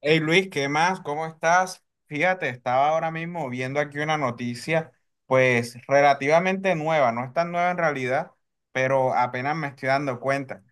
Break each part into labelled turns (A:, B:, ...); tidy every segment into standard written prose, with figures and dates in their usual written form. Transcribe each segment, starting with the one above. A: Hey Luis, ¿qué más? ¿Cómo estás? Fíjate, estaba ahora mismo viendo aquí una noticia, pues relativamente nueva, no es tan nueva en realidad, pero apenas me estoy dando cuenta.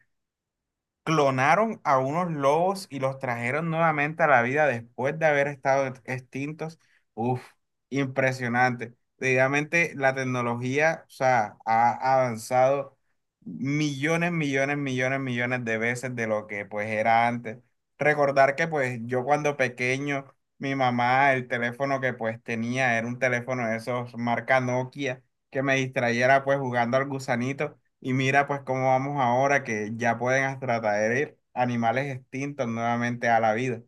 A: Clonaron a unos lobos y los trajeron nuevamente a la vida después de haber estado extintos. Uf, impresionante. Realmente la tecnología, o sea, ha avanzado millones, millones, millones, millones de veces de lo que pues era antes. Recordar que pues yo cuando pequeño, mi mamá, el teléfono que pues tenía era un teléfono de esos marca Nokia que me distrayera pues jugando al gusanito. Y mira, pues cómo vamos ahora que ya pueden hasta traer animales extintos nuevamente a la vida.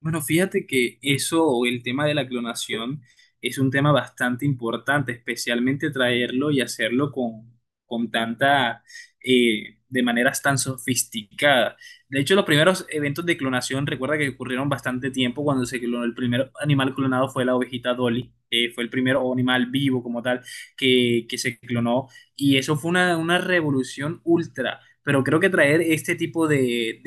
B: Bueno, fíjate que eso, o el tema de la clonación, es un tema bastante importante, especialmente traerlo y hacerlo con tanta, de maneras tan sofisticadas. De hecho, los primeros eventos de clonación, recuerda que ocurrieron bastante tiempo cuando se clonó, el primer animal clonado fue la ovejita Dolly, fue el primer animal vivo como tal que, se clonó, y eso fue una revolución ultra. Pero creo que traer este tipo de,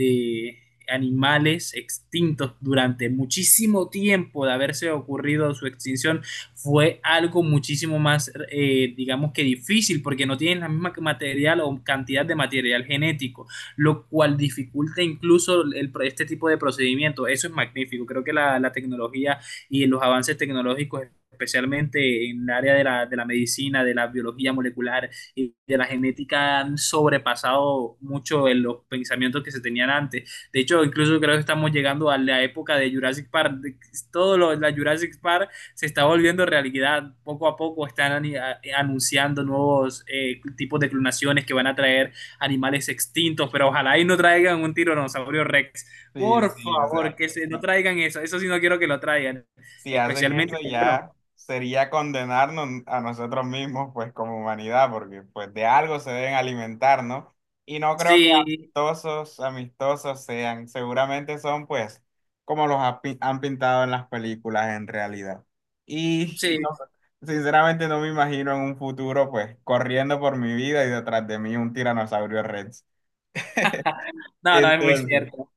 B: animales extintos durante muchísimo tiempo de haberse ocurrido su extinción fue algo muchísimo más, digamos que difícil, porque no tienen la misma material o cantidad de material genético, lo cual dificulta incluso el, este tipo de procedimiento. Eso es magnífico. Creo que la tecnología y los avances tecnológicos especialmente en el área de la, medicina, de la biología molecular y de la genética, han sobrepasado mucho en los pensamientos que se tenían antes. De hecho, incluso creo que estamos llegando a la época de Jurassic Park. Todo lo, la Jurassic Park se está volviendo realidad. Poco a poco están anunciando nuevos tipos de clonaciones que van a traer animales extintos, pero ojalá y no traigan un tiranosaurio Rex.
A: Sí,
B: Por
A: sí, o
B: favor,
A: sea,
B: que se, no
A: sí.
B: traigan eso. Eso sí no quiero que lo traigan.
A: Si hacen
B: Especialmente,
A: eso ya
B: bueno,
A: sería condenarnos a nosotros mismos, pues como humanidad, porque pues de algo se deben alimentar, ¿no? Y no creo que
B: sí,
A: amistosos, amistosos sean, seguramente son pues como los han pintado en las películas en realidad. Y no,
B: sí.
A: sinceramente no me imagino en un futuro pues corriendo por mi vida y detrás de mí un tiranosaurio Rex.
B: No, no, es muy
A: Entonces
B: cierto.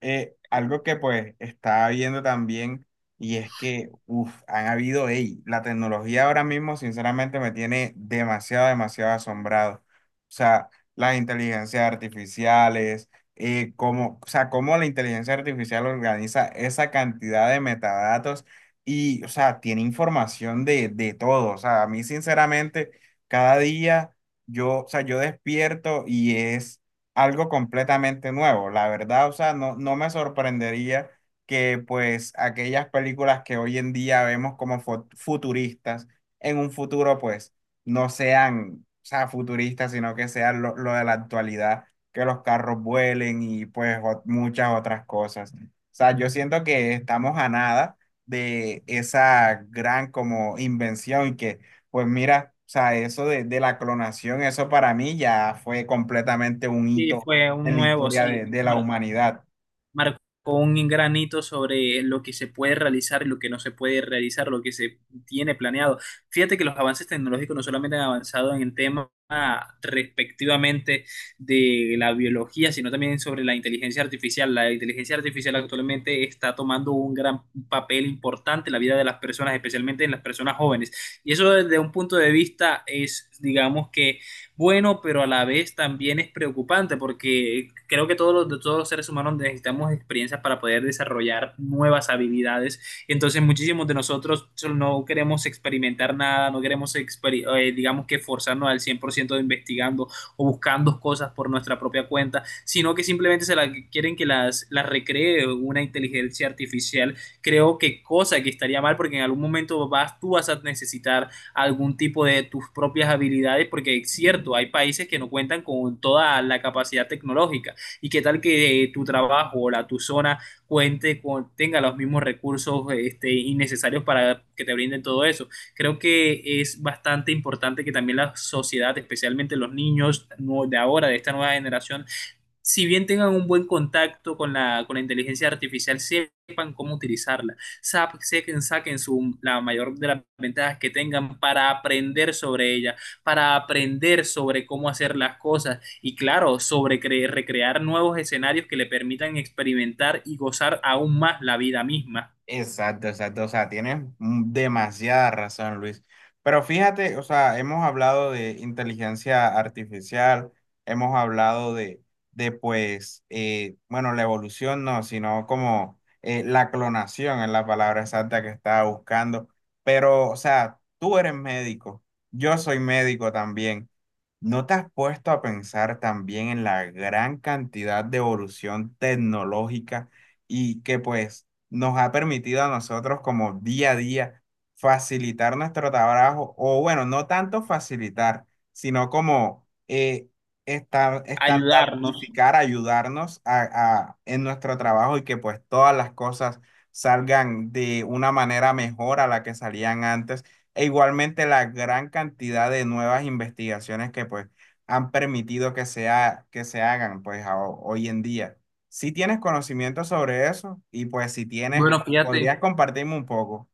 A: algo que pues estaba viendo también y es que, uff, han habido, ey, la tecnología ahora mismo sinceramente me tiene demasiado, demasiado asombrado. O sea, las inteligencias artificiales, cómo, o sea, cómo la inteligencia artificial organiza esa cantidad de metadatos y, o sea, tiene información de todo. O sea, a mí sinceramente, cada día yo, o sea, yo despierto y es algo completamente nuevo. La verdad, o sea, no, no me sorprendería que pues aquellas películas que hoy en día vemos como futuristas, en un futuro pues no sean, o sea, futuristas, sino que sean lo de la actualidad, que los carros vuelen y pues muchas otras cosas. O sea, yo siento que estamos a nada de esa gran como invención y que pues mira, o sea, eso de, la clonación, eso para mí ya fue completamente un
B: Sí,
A: hito
B: fue un
A: en la
B: nuevo,
A: historia
B: sí.
A: de la humanidad.
B: Marcó un granito sobre lo que se puede realizar y lo que no se puede realizar, lo que se tiene planeado. Fíjate que los avances tecnológicos no solamente han avanzado en el tema respectivamente de la biología, sino también sobre la inteligencia artificial. La inteligencia artificial actualmente está tomando un gran papel importante en la vida de las personas, especialmente en las personas jóvenes. Y eso desde un punto de vista es, digamos que, bueno, pero a la vez también es preocupante porque creo que todos los seres humanos necesitamos experiencias para poder desarrollar nuevas habilidades. Entonces muchísimos de nosotros no queremos experimentar nada, no queremos, digamos que forzarnos al 100% de investigando o buscando cosas por nuestra propia cuenta, sino que simplemente se la, quieren que las recree una inteligencia artificial. Creo que cosa que estaría mal porque en algún momento vas, tú vas a necesitar algún tipo de tus propias habilidades, porque es cierto, hay países que no cuentan con toda la capacidad tecnológica. ¿Y qué tal que tu trabajo o la tu zona cuente con, tenga los mismos recursos este, innecesarios para que te brinden todo eso? Creo que es bastante importante que también la sociedad, especialmente los niños de ahora, de esta nueva generación, si bien tengan un buen contacto con la inteligencia artificial, sepan cómo utilizarla, saquen, saquen su, la mayor de las ventajas que tengan para aprender sobre ella, para aprender sobre cómo hacer las cosas y claro, sobre recrear nuevos escenarios que le permitan experimentar y gozar aún más la vida misma,
A: Exacto, exacto. O sea, tienes demasiada razón, Luis. Pero fíjate, o sea, hemos hablado de inteligencia artificial, hemos hablado de, pues, bueno, la evolución no, sino como la clonación es la palabra exacta que estaba buscando. Pero, o sea, tú eres médico, yo soy médico también. ¿No te has puesto a pensar también en la gran cantidad de evolución tecnológica y que pues nos ha permitido a nosotros como día a día facilitar nuestro trabajo, o bueno, no tanto facilitar, sino como
B: ayudarnos.
A: estandardificar, ayudarnos a, en nuestro trabajo y que pues todas las cosas salgan de una manera mejor a la que salían antes, e igualmente la gran cantidad de nuevas investigaciones que pues han permitido que sea, que se hagan pues hoy en día. Si tienes conocimiento sobre eso y pues si tienes,
B: Bueno, fíjate.
A: podrías compartirme un poco.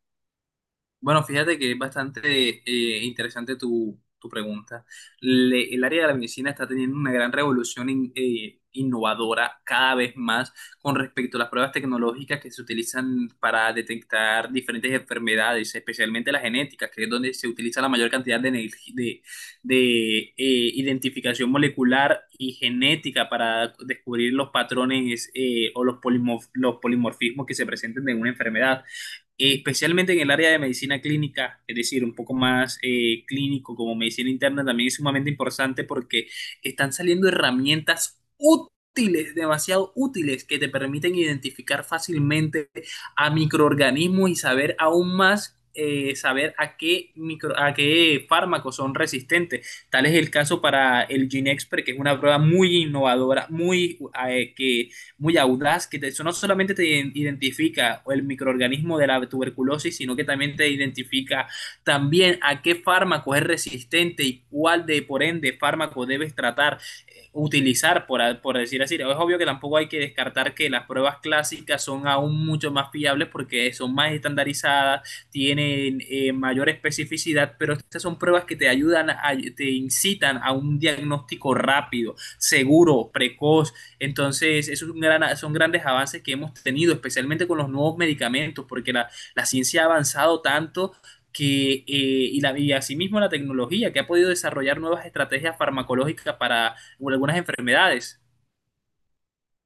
B: Bueno, fíjate que es bastante interesante tu, tu pregunta. El área de la medicina está teniendo una gran revolución innovadora cada vez más con respecto a las pruebas tecnológicas que se utilizan para detectar diferentes enfermedades, especialmente la genética, que es donde se utiliza la mayor cantidad de, de, identificación molecular y genética para descubrir los patrones o los los polimorfismos que se presenten en una enfermedad especialmente en el área de medicina clínica, es decir, un poco más clínico como medicina interna, también es sumamente importante porque están saliendo herramientas útiles, demasiado útiles, que te permiten identificar fácilmente a microorganismos y saber aún más. Saber a qué, micro, a qué fármacos son resistentes. Tal es el caso para el GeneXpert, que es una prueba muy innovadora, muy, que muy audaz, eso no solamente te identifica el microorganismo de la tuberculosis, sino que también te identifica también a qué fármaco es resistente y cuál de, por ende, fármaco debes tratar, utilizar, por decir así. Es obvio que tampoco hay que descartar que las pruebas clásicas son aún mucho más fiables porque son más estandarizadas, tienen mayor especificidad, pero estas son pruebas que te ayudan, te incitan a un diagnóstico rápido, seguro, precoz entonces, eso es un gran- son grandes avances que hemos tenido, especialmente con los nuevos medicamentos, porque la ciencia ha avanzado tanto que, y, la, y asimismo la tecnología, que ha podido desarrollar nuevas estrategias farmacológicas para algunas enfermedades.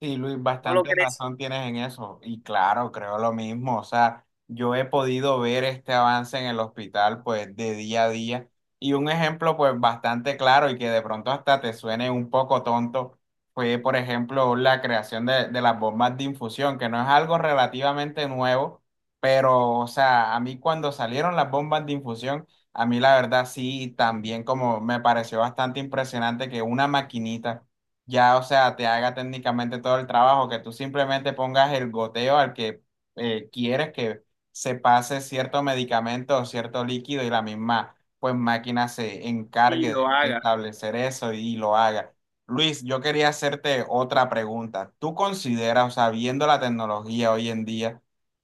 A: Sí, Luis,
B: ¿No lo
A: bastante
B: crees?
A: razón tienes en eso. Y claro, creo lo mismo. O sea, yo he podido ver este avance en el hospital, pues, de día a día. Y un ejemplo, pues, bastante claro y que de pronto hasta te suene un poco tonto, fue, por ejemplo, la creación de las bombas de infusión, que no es algo relativamente nuevo, pero, o sea, a mí cuando salieron las bombas de infusión, a mí la verdad sí, también como me pareció bastante impresionante que una maquinita ya, o sea, te haga técnicamente todo el trabajo, que tú simplemente pongas el goteo al que quieres que se pase cierto medicamento o cierto líquido y la misma, pues máquina se encargue
B: Y lo
A: de,
B: haga.
A: establecer eso y lo haga. Luis, yo quería hacerte otra pregunta. ¿Tú consideras, o sea, viendo la tecnología hoy en día,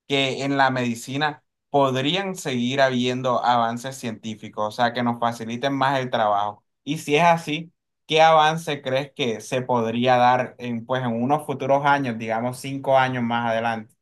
A: que en la medicina podrían seguir habiendo avances científicos, o sea, que nos faciliten más el trabajo? Y si es así, ¿qué avance crees que se podría dar en, pues, en unos futuros años, digamos 5 años más adelante?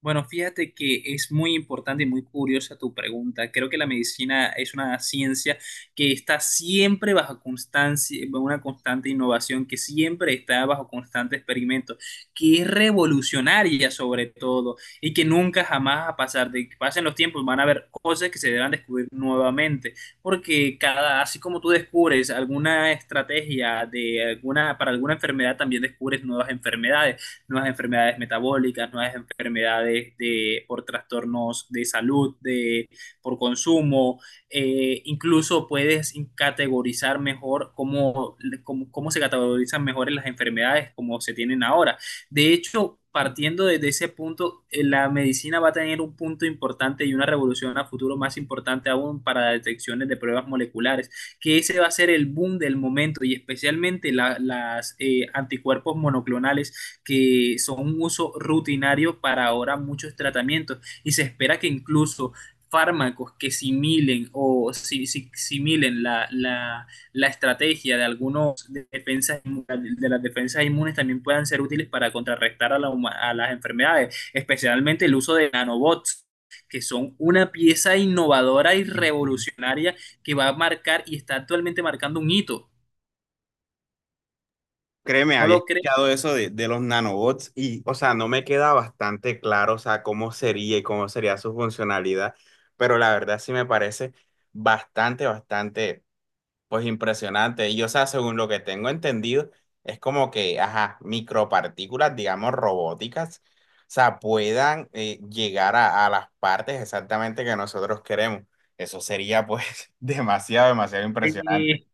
B: Bueno, fíjate que es muy importante y muy curiosa tu pregunta. Creo que la medicina es una ciencia que está siempre bajo constancia, una constante innovación, que siempre está bajo constante experimento, que es revolucionaria sobre todo y que nunca jamás va a pasar. De que pasen los tiempos, van a haber cosas que se deban descubrir nuevamente, porque cada, así como tú descubres alguna estrategia de alguna, para alguna enfermedad, también descubres nuevas enfermedades metabólicas, nuevas enfermedades de, por trastornos de salud, de, por consumo. Incluso puedes categorizar mejor cómo, cómo, cómo se categorizan mejor en las enfermedades como se tienen ahora. De hecho, partiendo desde ese punto, la medicina va a tener un punto importante y una revolución a futuro más importante aún para detecciones de pruebas moleculares, que ese va a ser el boom del momento y especialmente la, las anticuerpos monoclonales que son un uso rutinario para ahora muchos tratamientos y se espera que incluso fármacos que similen o similen la, la estrategia de algunos de de las defensas inmunes también puedan ser útiles para contrarrestar a, a las enfermedades, especialmente el uso de nanobots, que son una pieza innovadora y
A: Ujú.
B: revolucionaria que va a marcar y está actualmente marcando un hito.
A: Créeme,
B: ¿No
A: había
B: lo crees?
A: escuchado eso de los nanobots y, o sea, no me queda bastante claro, o sea, cómo sería y cómo sería su funcionalidad, pero la verdad sí me parece bastante, bastante. Pues impresionante. Y o sea, según lo que tengo entendido, es como que, ajá, micropartículas, digamos, robóticas, o sea, puedan llegar a las partes exactamente que nosotros queremos. Eso sería pues demasiado, demasiado impresionante.
B: Eh,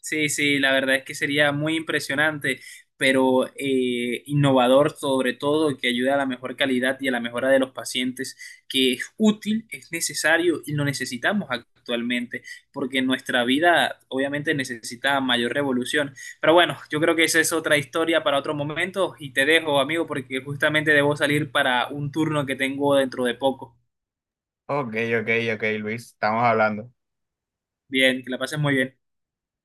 B: Sí, sí, la verdad es que sería muy impresionante, pero innovador sobre todo, que ayude a la mejor calidad y a la mejora de los pacientes, que es útil, es necesario y lo necesitamos actualmente, porque nuestra vida obviamente necesita mayor revolución. Pero bueno, yo creo que esa es otra historia para otro momento y te dejo, amigo, porque justamente debo salir para un turno que tengo dentro de poco.
A: Ok, ok, ok, Luis, estamos hablando.
B: Bien, que la pases muy bien.